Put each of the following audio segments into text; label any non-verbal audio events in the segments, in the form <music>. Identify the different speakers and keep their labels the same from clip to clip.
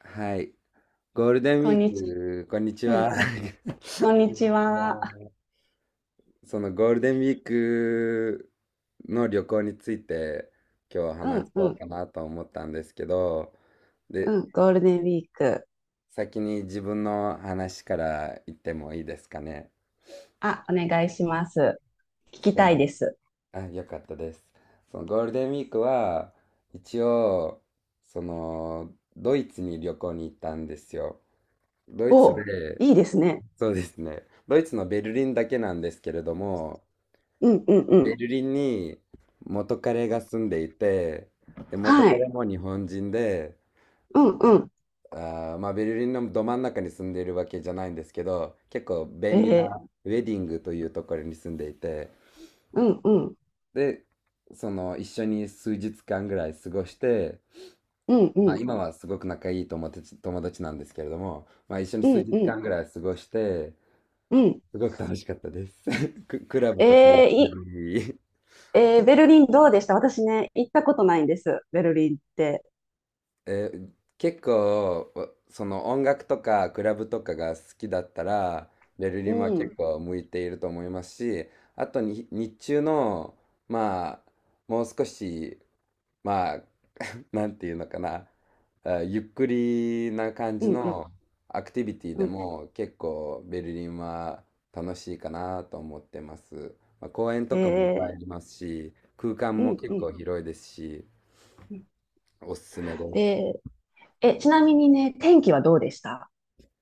Speaker 1: はい。ゴールデンウ
Speaker 2: こ
Speaker 1: ィ
Speaker 2: ん
Speaker 1: ー
Speaker 2: にち
Speaker 1: ク、こんにち
Speaker 2: は、うん、
Speaker 1: は。<laughs>
Speaker 2: こんにちは。
Speaker 1: そのゴールデンウィークの旅行について今日
Speaker 2: うん
Speaker 1: 話
Speaker 2: う
Speaker 1: そう
Speaker 2: ん、
Speaker 1: かなと思ったんですけど、
Speaker 2: う
Speaker 1: で、
Speaker 2: ん、ゴールデンウィーク。
Speaker 1: 先に自分の話から言ってもいいですかね。
Speaker 2: あ、お願いします。聞き
Speaker 1: そ
Speaker 2: たい
Speaker 1: の、
Speaker 2: です。
Speaker 1: あ、よかったです。そのゴールデンウィークは一応、ドイツに旅行に行ったんですよ。ドイツ
Speaker 2: お、
Speaker 1: で、
Speaker 2: いいですね。
Speaker 1: そうですね。ドイツのベルリンだけなんですけれども、
Speaker 2: うんうんう
Speaker 1: ベ
Speaker 2: ん。
Speaker 1: ルリンに元彼が住んでいて、で、元
Speaker 2: はい。
Speaker 1: 彼も日本人で、
Speaker 2: うんうん。
Speaker 1: まあ、ベルリンのど真ん中に住んでいるわけじゃないんですけど、結構
Speaker 2: え
Speaker 1: 便利
Speaker 2: ー、
Speaker 1: なウェディングというところに住んでいて、
Speaker 2: うんうん。
Speaker 1: で、一緒に数日間ぐらい過ごして、
Speaker 2: うん
Speaker 1: ま
Speaker 2: う
Speaker 1: あ、
Speaker 2: ん。
Speaker 1: 今はすごく仲いい友達なんですけれども、まあ、一緒に
Speaker 2: う
Speaker 1: 数
Speaker 2: ん
Speaker 1: 日
Speaker 2: うん
Speaker 1: 間ぐらい過ごして、
Speaker 2: うん。
Speaker 1: すごく楽しかったです。<laughs> クラブ
Speaker 2: えー、
Speaker 1: とか行った
Speaker 2: い、
Speaker 1: り、
Speaker 2: えー、ベルリンどうでした？私ね、行ったことないんです。ベルリンって。
Speaker 1: 結構その音楽とかクラブとかが好きだったらベルリ
Speaker 2: う
Speaker 1: ンは
Speaker 2: ん。うん
Speaker 1: 結構向いていると思いますし、あとに日中のまあ、もう少し、まあ、 <laughs> なんていうのかな、ゆっくりな感
Speaker 2: う
Speaker 1: じ
Speaker 2: ん
Speaker 1: のアクティビティ
Speaker 2: う
Speaker 1: で
Speaker 2: ん。
Speaker 1: も結構ベルリンは楽しいかなと思ってます。まあ、公園とかもいっぱいあ
Speaker 2: え
Speaker 1: りますし、空間
Speaker 2: う
Speaker 1: も
Speaker 2: ん
Speaker 1: 結
Speaker 2: うん
Speaker 1: 構広いですし、
Speaker 2: うん。
Speaker 1: おすすめです。
Speaker 2: えー、え、ちなみにね、天気はどうでした？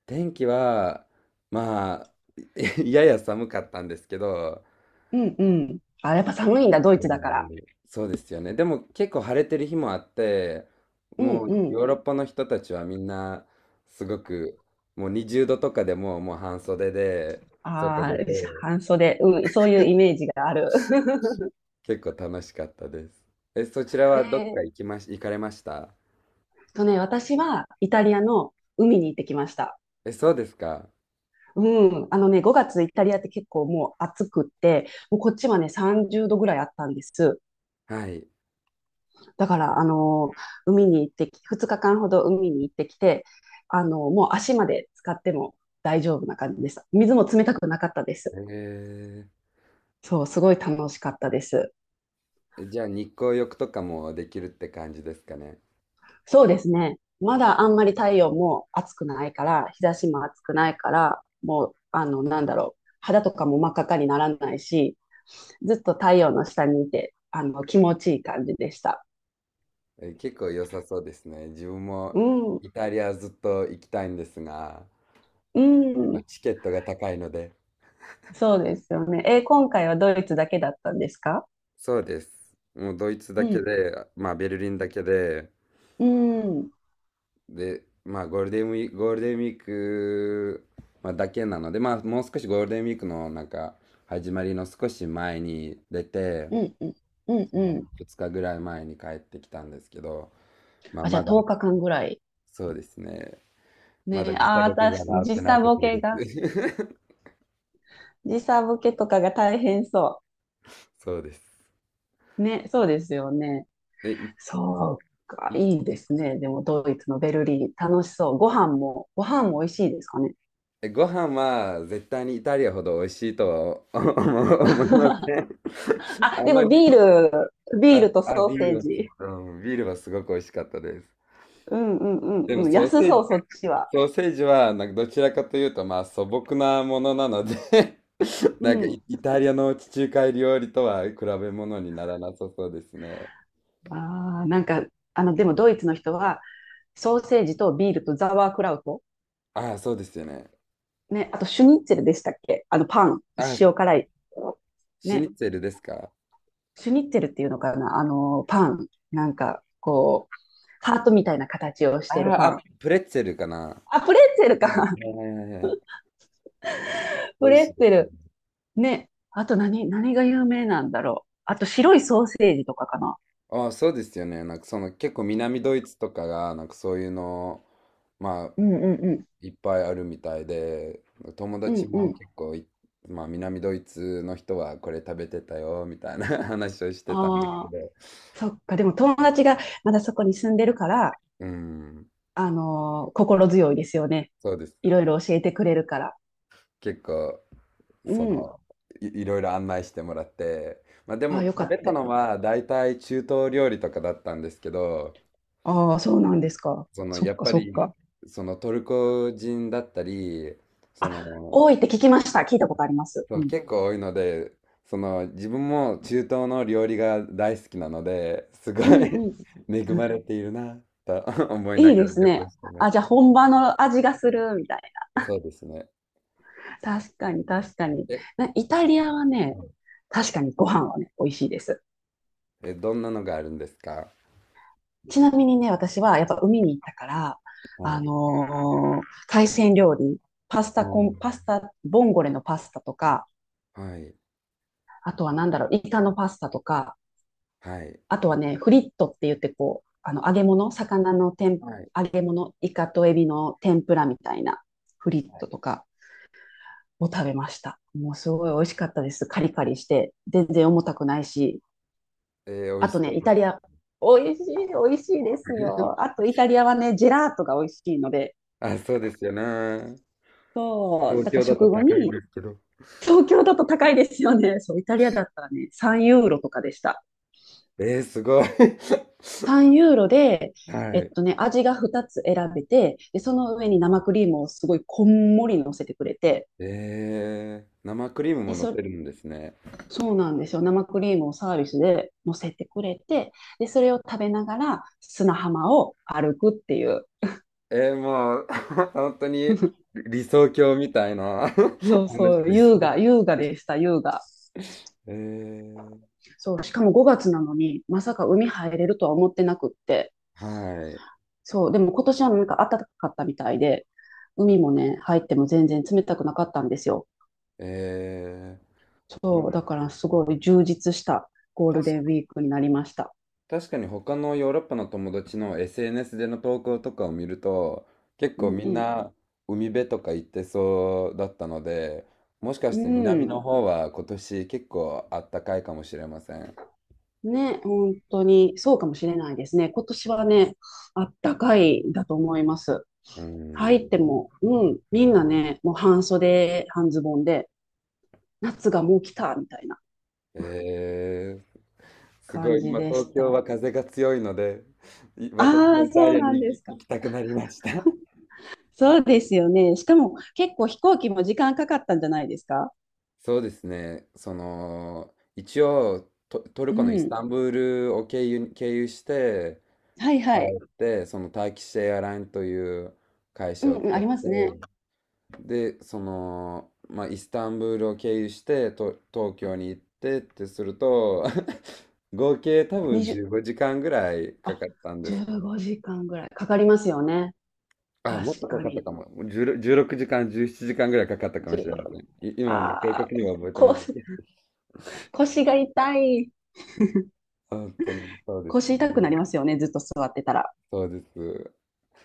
Speaker 1: 天気は、まあ、<laughs> やや寒かったんですけど、
Speaker 2: うんうん。あ、やっぱ寒いんだ、ドイツだから。
Speaker 1: そうですよね。でも結構晴れてる日もあって、
Speaker 2: うん
Speaker 1: もう
Speaker 2: うん。
Speaker 1: ヨーロッパの人たちはみんなすごく、もう20度とかで、もう半袖で外
Speaker 2: ああ、
Speaker 1: 出て
Speaker 2: 半袖、うん、そういうイメージがある。<laughs>
Speaker 1: 結構楽しかったです。え、そちら
Speaker 2: え
Speaker 1: はどっか
Speaker 2: ーっ
Speaker 1: 行かれました？
Speaker 2: 私はイタリアの海に行ってきました。
Speaker 1: え、そうですか。
Speaker 2: うん、あのね、5月イタリアって結構もう暑くって、もうこっちはね、30度ぐらいあったんです。
Speaker 1: はい。
Speaker 2: だから、海に行ってき、2日間ほど海に行ってきて、もう足まで使っても大丈夫な感じでした。水も冷たくなかったです。
Speaker 1: え
Speaker 2: そう、すごい楽しかったです。
Speaker 1: じゃあ日光浴とかもできるって感じですかね。
Speaker 2: そうですね。まだあんまり太陽も暑くないから、日差しも暑くないから、もう、なんだろう、肌とかも真っ赤っかにならないし、ずっと太陽の下にいて、気持ちいい感じでした。
Speaker 1: え、結構良さそうですね。自分も
Speaker 2: うん、
Speaker 1: イタリアずっと行きたいんですが、
Speaker 2: う
Speaker 1: まあ、
Speaker 2: ん、
Speaker 1: チケットが高いので。
Speaker 2: そうですよね。え、今回はドイツだけだったんですか？
Speaker 1: そうです。もうドイツだ
Speaker 2: う
Speaker 1: け
Speaker 2: ん、
Speaker 1: で、まあベルリンだけで、
Speaker 2: うん、うん、
Speaker 1: で、まあゴールデンウィーク、ゴールデンウィーク、まあ、だけなので、まあもう少しゴールデンウィークのなんか始まりの少し前に出て、
Speaker 2: うん、うん、うん。
Speaker 1: 2日ぐらい前に帰ってきたんですけど、まあ
Speaker 2: あ、じゃ
Speaker 1: ま
Speaker 2: あ
Speaker 1: だ、
Speaker 2: 10日間ぐらい。
Speaker 1: そうですね。まだ
Speaker 2: ね、
Speaker 1: 実
Speaker 2: ああ、
Speaker 1: 力
Speaker 2: 私、
Speaker 1: が治ってないところです。<laughs>
Speaker 2: 時差ボケとかが大変そ
Speaker 1: そうです。
Speaker 2: う。ね、そうですよね。
Speaker 1: え、い
Speaker 2: そうか、い
Speaker 1: い
Speaker 2: いですね。でもドイツのベルリー、楽しそう。ご飯も美味しいですかね。
Speaker 1: えご飯は絶対にイタリアほど美味しいとはお <laughs> 思いませ
Speaker 2: <laughs>
Speaker 1: ん。<laughs>
Speaker 2: あ、
Speaker 1: あ
Speaker 2: で
Speaker 1: ま
Speaker 2: も
Speaker 1: り、
Speaker 2: ル、ビー
Speaker 1: あ、
Speaker 2: ルと
Speaker 1: あ、
Speaker 2: ソ
Speaker 1: ビ
Speaker 2: ー
Speaker 1: ー
Speaker 2: セ
Speaker 1: ル
Speaker 2: ー
Speaker 1: はすご
Speaker 2: ジ。
Speaker 1: く、ビールはすごく美味しかったです。
Speaker 2: うんうん
Speaker 1: で
Speaker 2: う
Speaker 1: も
Speaker 2: んうん、
Speaker 1: ソー
Speaker 2: 安
Speaker 1: セー
Speaker 2: そ
Speaker 1: ジ、
Speaker 2: う、そっちは。
Speaker 1: ソーセージはなんかどちらかというとまあ素朴なものなので、 <laughs>
Speaker 2: う
Speaker 1: なんか
Speaker 2: ん。
Speaker 1: イタリアの地中海料理とは比べ物にならなさそうですね。
Speaker 2: ああ、なんか、でもドイツの人は、ソーセージとビールとザワークラウト。
Speaker 1: ああ、そうですよね。
Speaker 2: ね、あとシュニッツェルでしたっけパン、
Speaker 1: ああ、
Speaker 2: 塩辛い。
Speaker 1: シニ
Speaker 2: ね、
Speaker 1: ッツェルですか？
Speaker 2: シュニッツェルっていうのかなパン。なんか、こう、ハートみたいな形をし
Speaker 1: あ
Speaker 2: てる
Speaker 1: あ、
Speaker 2: パ
Speaker 1: あ
Speaker 2: ン。
Speaker 1: プレッツェルかな。
Speaker 2: あ、プレッツェル
Speaker 1: は
Speaker 2: か。
Speaker 1: いはいはいはい。
Speaker 2: <laughs>
Speaker 1: 美
Speaker 2: プ
Speaker 1: 味
Speaker 2: レッ
Speaker 1: しい
Speaker 2: ツ
Speaker 1: で
Speaker 2: ェ
Speaker 1: すね。
Speaker 2: ル。ね。あと何が有名なんだろう。あと白いソーセージとかかな。
Speaker 1: ああ、そうですよね。なんかその結構南ドイツとかがなんかそういうの、まあ
Speaker 2: うんうんうん。
Speaker 1: いっぱいあるみたいで、友
Speaker 2: う
Speaker 1: 達
Speaker 2: んう
Speaker 1: も
Speaker 2: ん。
Speaker 1: 結構まあ南ドイツの人はこれ食べてたよみたいな、 <laughs> 話をしてたんです
Speaker 2: あ
Speaker 1: け
Speaker 2: あ、
Speaker 1: ど、
Speaker 2: そっか。でも友達がまだそこに住んでるから、
Speaker 1: うん、
Speaker 2: 心強いですよね。
Speaker 1: そうです。
Speaker 2: いろいろ教えてくれるから。
Speaker 1: 結構
Speaker 2: う
Speaker 1: そ
Speaker 2: ん。
Speaker 1: のいろいろ案内してもらって、まあで
Speaker 2: ああ、
Speaker 1: も
Speaker 2: よか
Speaker 1: 食
Speaker 2: っ
Speaker 1: べ
Speaker 2: た。
Speaker 1: た
Speaker 2: よ
Speaker 1: の
Speaker 2: かった。
Speaker 1: は大体中東料理とかだったんですけど、
Speaker 2: ああ、そうなんですか。そっ
Speaker 1: やっ
Speaker 2: か
Speaker 1: ぱ
Speaker 2: そっ
Speaker 1: り
Speaker 2: か。
Speaker 1: そのトルコ人だったり、そ
Speaker 2: あ、
Speaker 1: の
Speaker 2: 多いって聞きました。聞いたことあります。
Speaker 1: そ
Speaker 2: う
Speaker 1: う
Speaker 2: ん。
Speaker 1: 結構多いので、自分も中東の料理が大好きなので、すごい、
Speaker 2: うんう
Speaker 1: <laughs>
Speaker 2: ん。
Speaker 1: 恵
Speaker 2: う
Speaker 1: ま
Speaker 2: ん、
Speaker 1: れているなと、 <laughs> 思い
Speaker 2: い
Speaker 1: な
Speaker 2: い
Speaker 1: が
Speaker 2: で
Speaker 1: ら
Speaker 2: す
Speaker 1: 旅行
Speaker 2: ね。
Speaker 1: してま
Speaker 2: あ、
Speaker 1: し
Speaker 2: じゃあ本場の味がするみたい。
Speaker 1: た。そうですね。
Speaker 2: 確かに、確かに。
Speaker 1: え、
Speaker 2: イタリアは
Speaker 1: は
Speaker 2: ね、
Speaker 1: い。
Speaker 2: 確かにご飯はね、美味しいです。
Speaker 1: どんなのがあるんですか？
Speaker 2: ちなみにね、私はやっぱ海に行ったから、
Speaker 1: はい。
Speaker 2: 海鮮料理、
Speaker 1: お
Speaker 2: パ
Speaker 1: ー、
Speaker 2: スタ、ボンゴレのパスタとか、
Speaker 1: はい。
Speaker 2: あとはなんだろう、イカのパスタとか、
Speaker 1: はい。
Speaker 2: あとはね、フリットって言ってこう、揚げ物、魚の天、
Speaker 1: はい。
Speaker 2: 揚げ物、イカとエビの天ぷらみたいなフリットとかを食べました。もうすごい美味しかったです。カリカリして、全然重たくないし、
Speaker 1: 美
Speaker 2: あ
Speaker 1: 味し
Speaker 2: と
Speaker 1: そ
Speaker 2: ね、
Speaker 1: うで
Speaker 2: イタリ
Speaker 1: す。
Speaker 2: ア。美味しい、美味しいですよ。あと、イタリアはね、ジェラートが美味しいので。
Speaker 1: あ、そうですよね。
Speaker 2: そう、
Speaker 1: 東
Speaker 2: だから
Speaker 1: 京だと
Speaker 2: 食後
Speaker 1: 高いん
Speaker 2: に、
Speaker 1: ですけど。
Speaker 2: 東京だと高いですよね。そう、イタリアだったらね、3ユーロとかでした。
Speaker 1: すごい。<laughs>
Speaker 2: 3ユーロで、
Speaker 1: はい。
Speaker 2: 味が2つ選べて、で、その上に生クリームをすごいこんもり乗せてくれて、
Speaker 1: 生クリーム
Speaker 2: で、
Speaker 1: も乗せるんですね。
Speaker 2: そうなんですよ。生クリームをサービスで乗せてくれて、で、それを食べながら砂浜を歩くっていう。
Speaker 1: もう、 <laughs> 本当に
Speaker 2: <laughs>
Speaker 1: 理想郷みたいな、
Speaker 2: そ
Speaker 1: <laughs>
Speaker 2: う
Speaker 1: 話
Speaker 2: そう、
Speaker 1: です
Speaker 2: 優
Speaker 1: ね。
Speaker 2: 雅、優雅でした、優雅。
Speaker 1: <laughs> えー、
Speaker 2: そう、しかも5月なのに、まさか海入れるとは思ってなくって。
Speaker 1: はい。
Speaker 2: そう、でも今年はなんか暖かかったみたいで、海もね、入っても全然冷たくなかったんですよ。
Speaker 1: えー、ま、
Speaker 2: そう、だからすごい充実したゴー
Speaker 1: た
Speaker 2: ル
Speaker 1: し、
Speaker 2: デンウィークになりました。
Speaker 1: 確かに他のヨーロッパの友達の SNS での投稿とかを見ると、結
Speaker 2: う
Speaker 1: 構
Speaker 2: ん
Speaker 1: み
Speaker 2: う
Speaker 1: ん
Speaker 2: ん。
Speaker 1: な海辺とか行ってそうだったので、もしか
Speaker 2: う
Speaker 1: して南の
Speaker 2: ん。
Speaker 1: 方は今年結構あったかいかもしれません。
Speaker 2: ね、本当にそうかもしれないですね。今年はね、あったかいだと思います。
Speaker 1: う
Speaker 2: 入っ
Speaker 1: ん。
Speaker 2: ても、うん、みんなね、もう半袖、半ズボンで、夏がもう来た、みたいな
Speaker 1: ええ、す
Speaker 2: 感
Speaker 1: ごい、
Speaker 2: じ
Speaker 1: 今
Speaker 2: でし
Speaker 1: 東京は
Speaker 2: た。
Speaker 1: 風が強いので、私も
Speaker 2: ああ、
Speaker 1: イタ
Speaker 2: そ
Speaker 1: リ
Speaker 2: う
Speaker 1: アに
Speaker 2: なんで
Speaker 1: 行
Speaker 2: すか。
Speaker 1: 行きたくなりました。
Speaker 2: <laughs> そうですよね。しかも結構飛行機も時間かかったんじゃないですか？
Speaker 1: そうですね、一応ト、トル
Speaker 2: う
Speaker 1: コのイス
Speaker 2: ん。
Speaker 1: タンブールを経由して、
Speaker 2: はい
Speaker 1: 帰
Speaker 2: はい。
Speaker 1: って、そのターキッシュエアラインという会
Speaker 2: う
Speaker 1: 社
Speaker 2: ん
Speaker 1: を
Speaker 2: うん、
Speaker 1: 使
Speaker 2: あ
Speaker 1: っ
Speaker 2: ります
Speaker 1: て、
Speaker 2: ね。
Speaker 1: で、まあ、イスタンブールを経由して、東京に行ってってすると、<laughs> 合計多分
Speaker 2: 20、
Speaker 1: 15時間ぐらいか
Speaker 2: あ、
Speaker 1: かったんです。
Speaker 2: 15時間ぐらいかかりますよね。
Speaker 1: あ、もっ
Speaker 2: 確
Speaker 1: とか
Speaker 2: か
Speaker 1: かった
Speaker 2: に。
Speaker 1: かも。16 1時間、17時間ぐらいかかったかもしれません。
Speaker 2: 16、
Speaker 1: 今はもう正
Speaker 2: あ
Speaker 1: 確
Speaker 2: あ、
Speaker 1: には覚えて
Speaker 2: こ
Speaker 1: ないですけど。
Speaker 2: う
Speaker 1: <laughs>
Speaker 2: 腰が痛い。
Speaker 1: 本当にそうで
Speaker 2: 腰
Speaker 1: すね。
Speaker 2: 痛くなりますよね、ずっと座ってたら。
Speaker 1: そうです。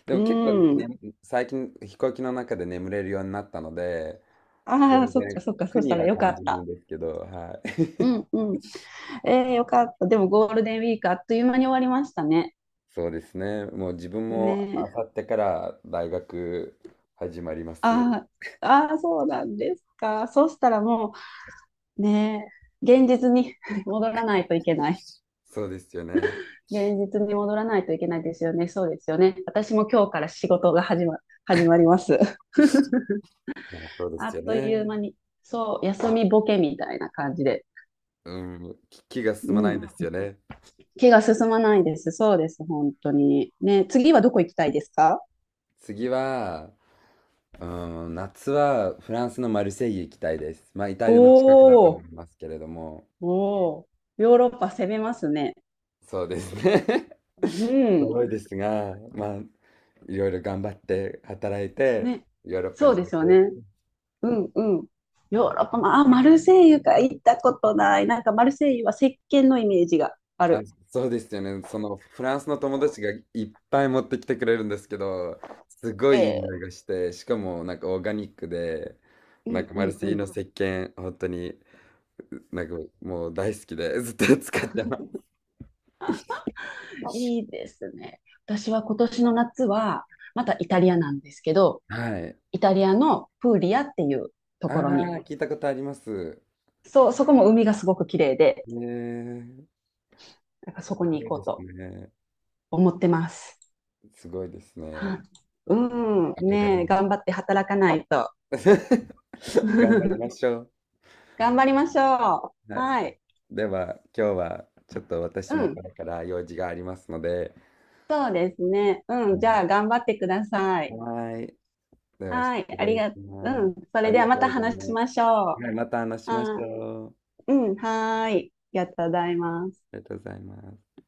Speaker 1: で
Speaker 2: う
Speaker 1: も結構ね、
Speaker 2: ん。
Speaker 1: ね最近飛行機の中で眠れるようになったので、
Speaker 2: ああ、
Speaker 1: 全
Speaker 2: そっか
Speaker 1: 然
Speaker 2: そっか、
Speaker 1: 苦
Speaker 2: そし
Speaker 1: に
Speaker 2: たら
Speaker 1: は
Speaker 2: よか
Speaker 1: 感
Speaker 2: っ
Speaker 1: じないん
Speaker 2: た。
Speaker 1: ですけど、は
Speaker 2: う
Speaker 1: い。
Speaker 2: んうん。よかった。でもゴールデンウィークあっという間に終わりましたね。
Speaker 1: <laughs> そうですね。もう自分も
Speaker 2: ねえ。
Speaker 1: あさってから大学始まります。
Speaker 2: ああ、ああ、そうなんですか。そしたらもう、ねえ、現実に <laughs> 戻らないといけない。
Speaker 1: そうですよね。
Speaker 2: 現実に戻らないといけないですよね。そうですよね。私も今日から仕事が始まります。<laughs>
Speaker 1: まあ、そうで
Speaker 2: あ
Speaker 1: す
Speaker 2: っ
Speaker 1: よ
Speaker 2: という
Speaker 1: ね。
Speaker 2: 間に、そう、休みボケみたいな感じで。
Speaker 1: うん、気が
Speaker 2: う
Speaker 1: 進まないんで
Speaker 2: ん、
Speaker 1: すよね。
Speaker 2: 気が進まないです。そうです、本当に。ね、次はどこ行きたいですか？
Speaker 1: 次は、夏はフランスのマルセイユ行きたいです。まあ、イタ
Speaker 2: お
Speaker 1: リアの近くだと思
Speaker 2: ー、
Speaker 1: いますけれども、
Speaker 2: おー、ヨーロッパ攻めますね。
Speaker 1: そうですね。<laughs>
Speaker 2: うん。
Speaker 1: 遠いですが、まあ、いろいろ頑張って働いて、
Speaker 2: ね。
Speaker 1: ヨーロッパ
Speaker 2: そう
Speaker 1: に
Speaker 2: で
Speaker 1: 旅
Speaker 2: すよ
Speaker 1: 行。
Speaker 2: ね。うんうん。ヨーロッパ、まあ、マルセイユか行ったことない。なんかマルセイユは石鹸のイメージがあ
Speaker 1: あ、
Speaker 2: る。
Speaker 1: そうですよね。そのフランスの友達がいっぱい持ってきてくれるんですけど、すごいいい
Speaker 2: ええ、
Speaker 1: 匂いがして、しかもなんかオーガニックで、
Speaker 2: う
Speaker 1: なん
Speaker 2: ん
Speaker 1: か
Speaker 2: う
Speaker 1: マル
Speaker 2: ん
Speaker 1: セイユの
Speaker 2: う
Speaker 1: 石鹸、本当になんかもう大好きでずっと使ってます。
Speaker 2: ん。いいですね。私は今年の夏は、またイタリアなんですけど、
Speaker 1: はい。
Speaker 2: イタリアのプーリアっていうと
Speaker 1: ああ、
Speaker 2: ころに。
Speaker 1: 聞いたことあります。
Speaker 2: そう、そこも海がすごく綺麗で、
Speaker 1: ねえ、
Speaker 2: なんかそこ
Speaker 1: す
Speaker 2: に
Speaker 1: ごい
Speaker 2: 行
Speaker 1: で
Speaker 2: こう
Speaker 1: す
Speaker 2: と
Speaker 1: ね。
Speaker 2: 思ってます。
Speaker 1: すごいですね。
Speaker 2: はい、うん、
Speaker 1: 憧れ
Speaker 2: ねえ、
Speaker 1: ます。
Speaker 2: 頑張って働かないと。
Speaker 1: <laughs> 頑張りまし
Speaker 2: <laughs>
Speaker 1: ょう。
Speaker 2: 頑張りましょ
Speaker 1: は
Speaker 2: う。
Speaker 1: い。
Speaker 2: はい。
Speaker 1: では、今日はちょっと
Speaker 2: う
Speaker 1: 私も
Speaker 2: ん、
Speaker 1: これから用事がありますので、
Speaker 2: そうですね。うん、
Speaker 1: は
Speaker 2: じ
Speaker 1: い。
Speaker 2: ゃあ頑張ってください。
Speaker 1: はい。では、失
Speaker 2: はい、あり
Speaker 1: 礼
Speaker 2: が、
Speaker 1: しま
Speaker 2: う
Speaker 1: す。
Speaker 2: ん、そ
Speaker 1: あ
Speaker 2: れ
Speaker 1: り
Speaker 2: では
Speaker 1: が
Speaker 2: ま
Speaker 1: とう
Speaker 2: た
Speaker 1: ござい
Speaker 2: 話し
Speaker 1: ます。
Speaker 2: ましょう。
Speaker 1: はい、また話しまし
Speaker 2: あ、
Speaker 1: ょう。
Speaker 2: うん、はーい。ありがとうございます。
Speaker 1: ありがとうございます。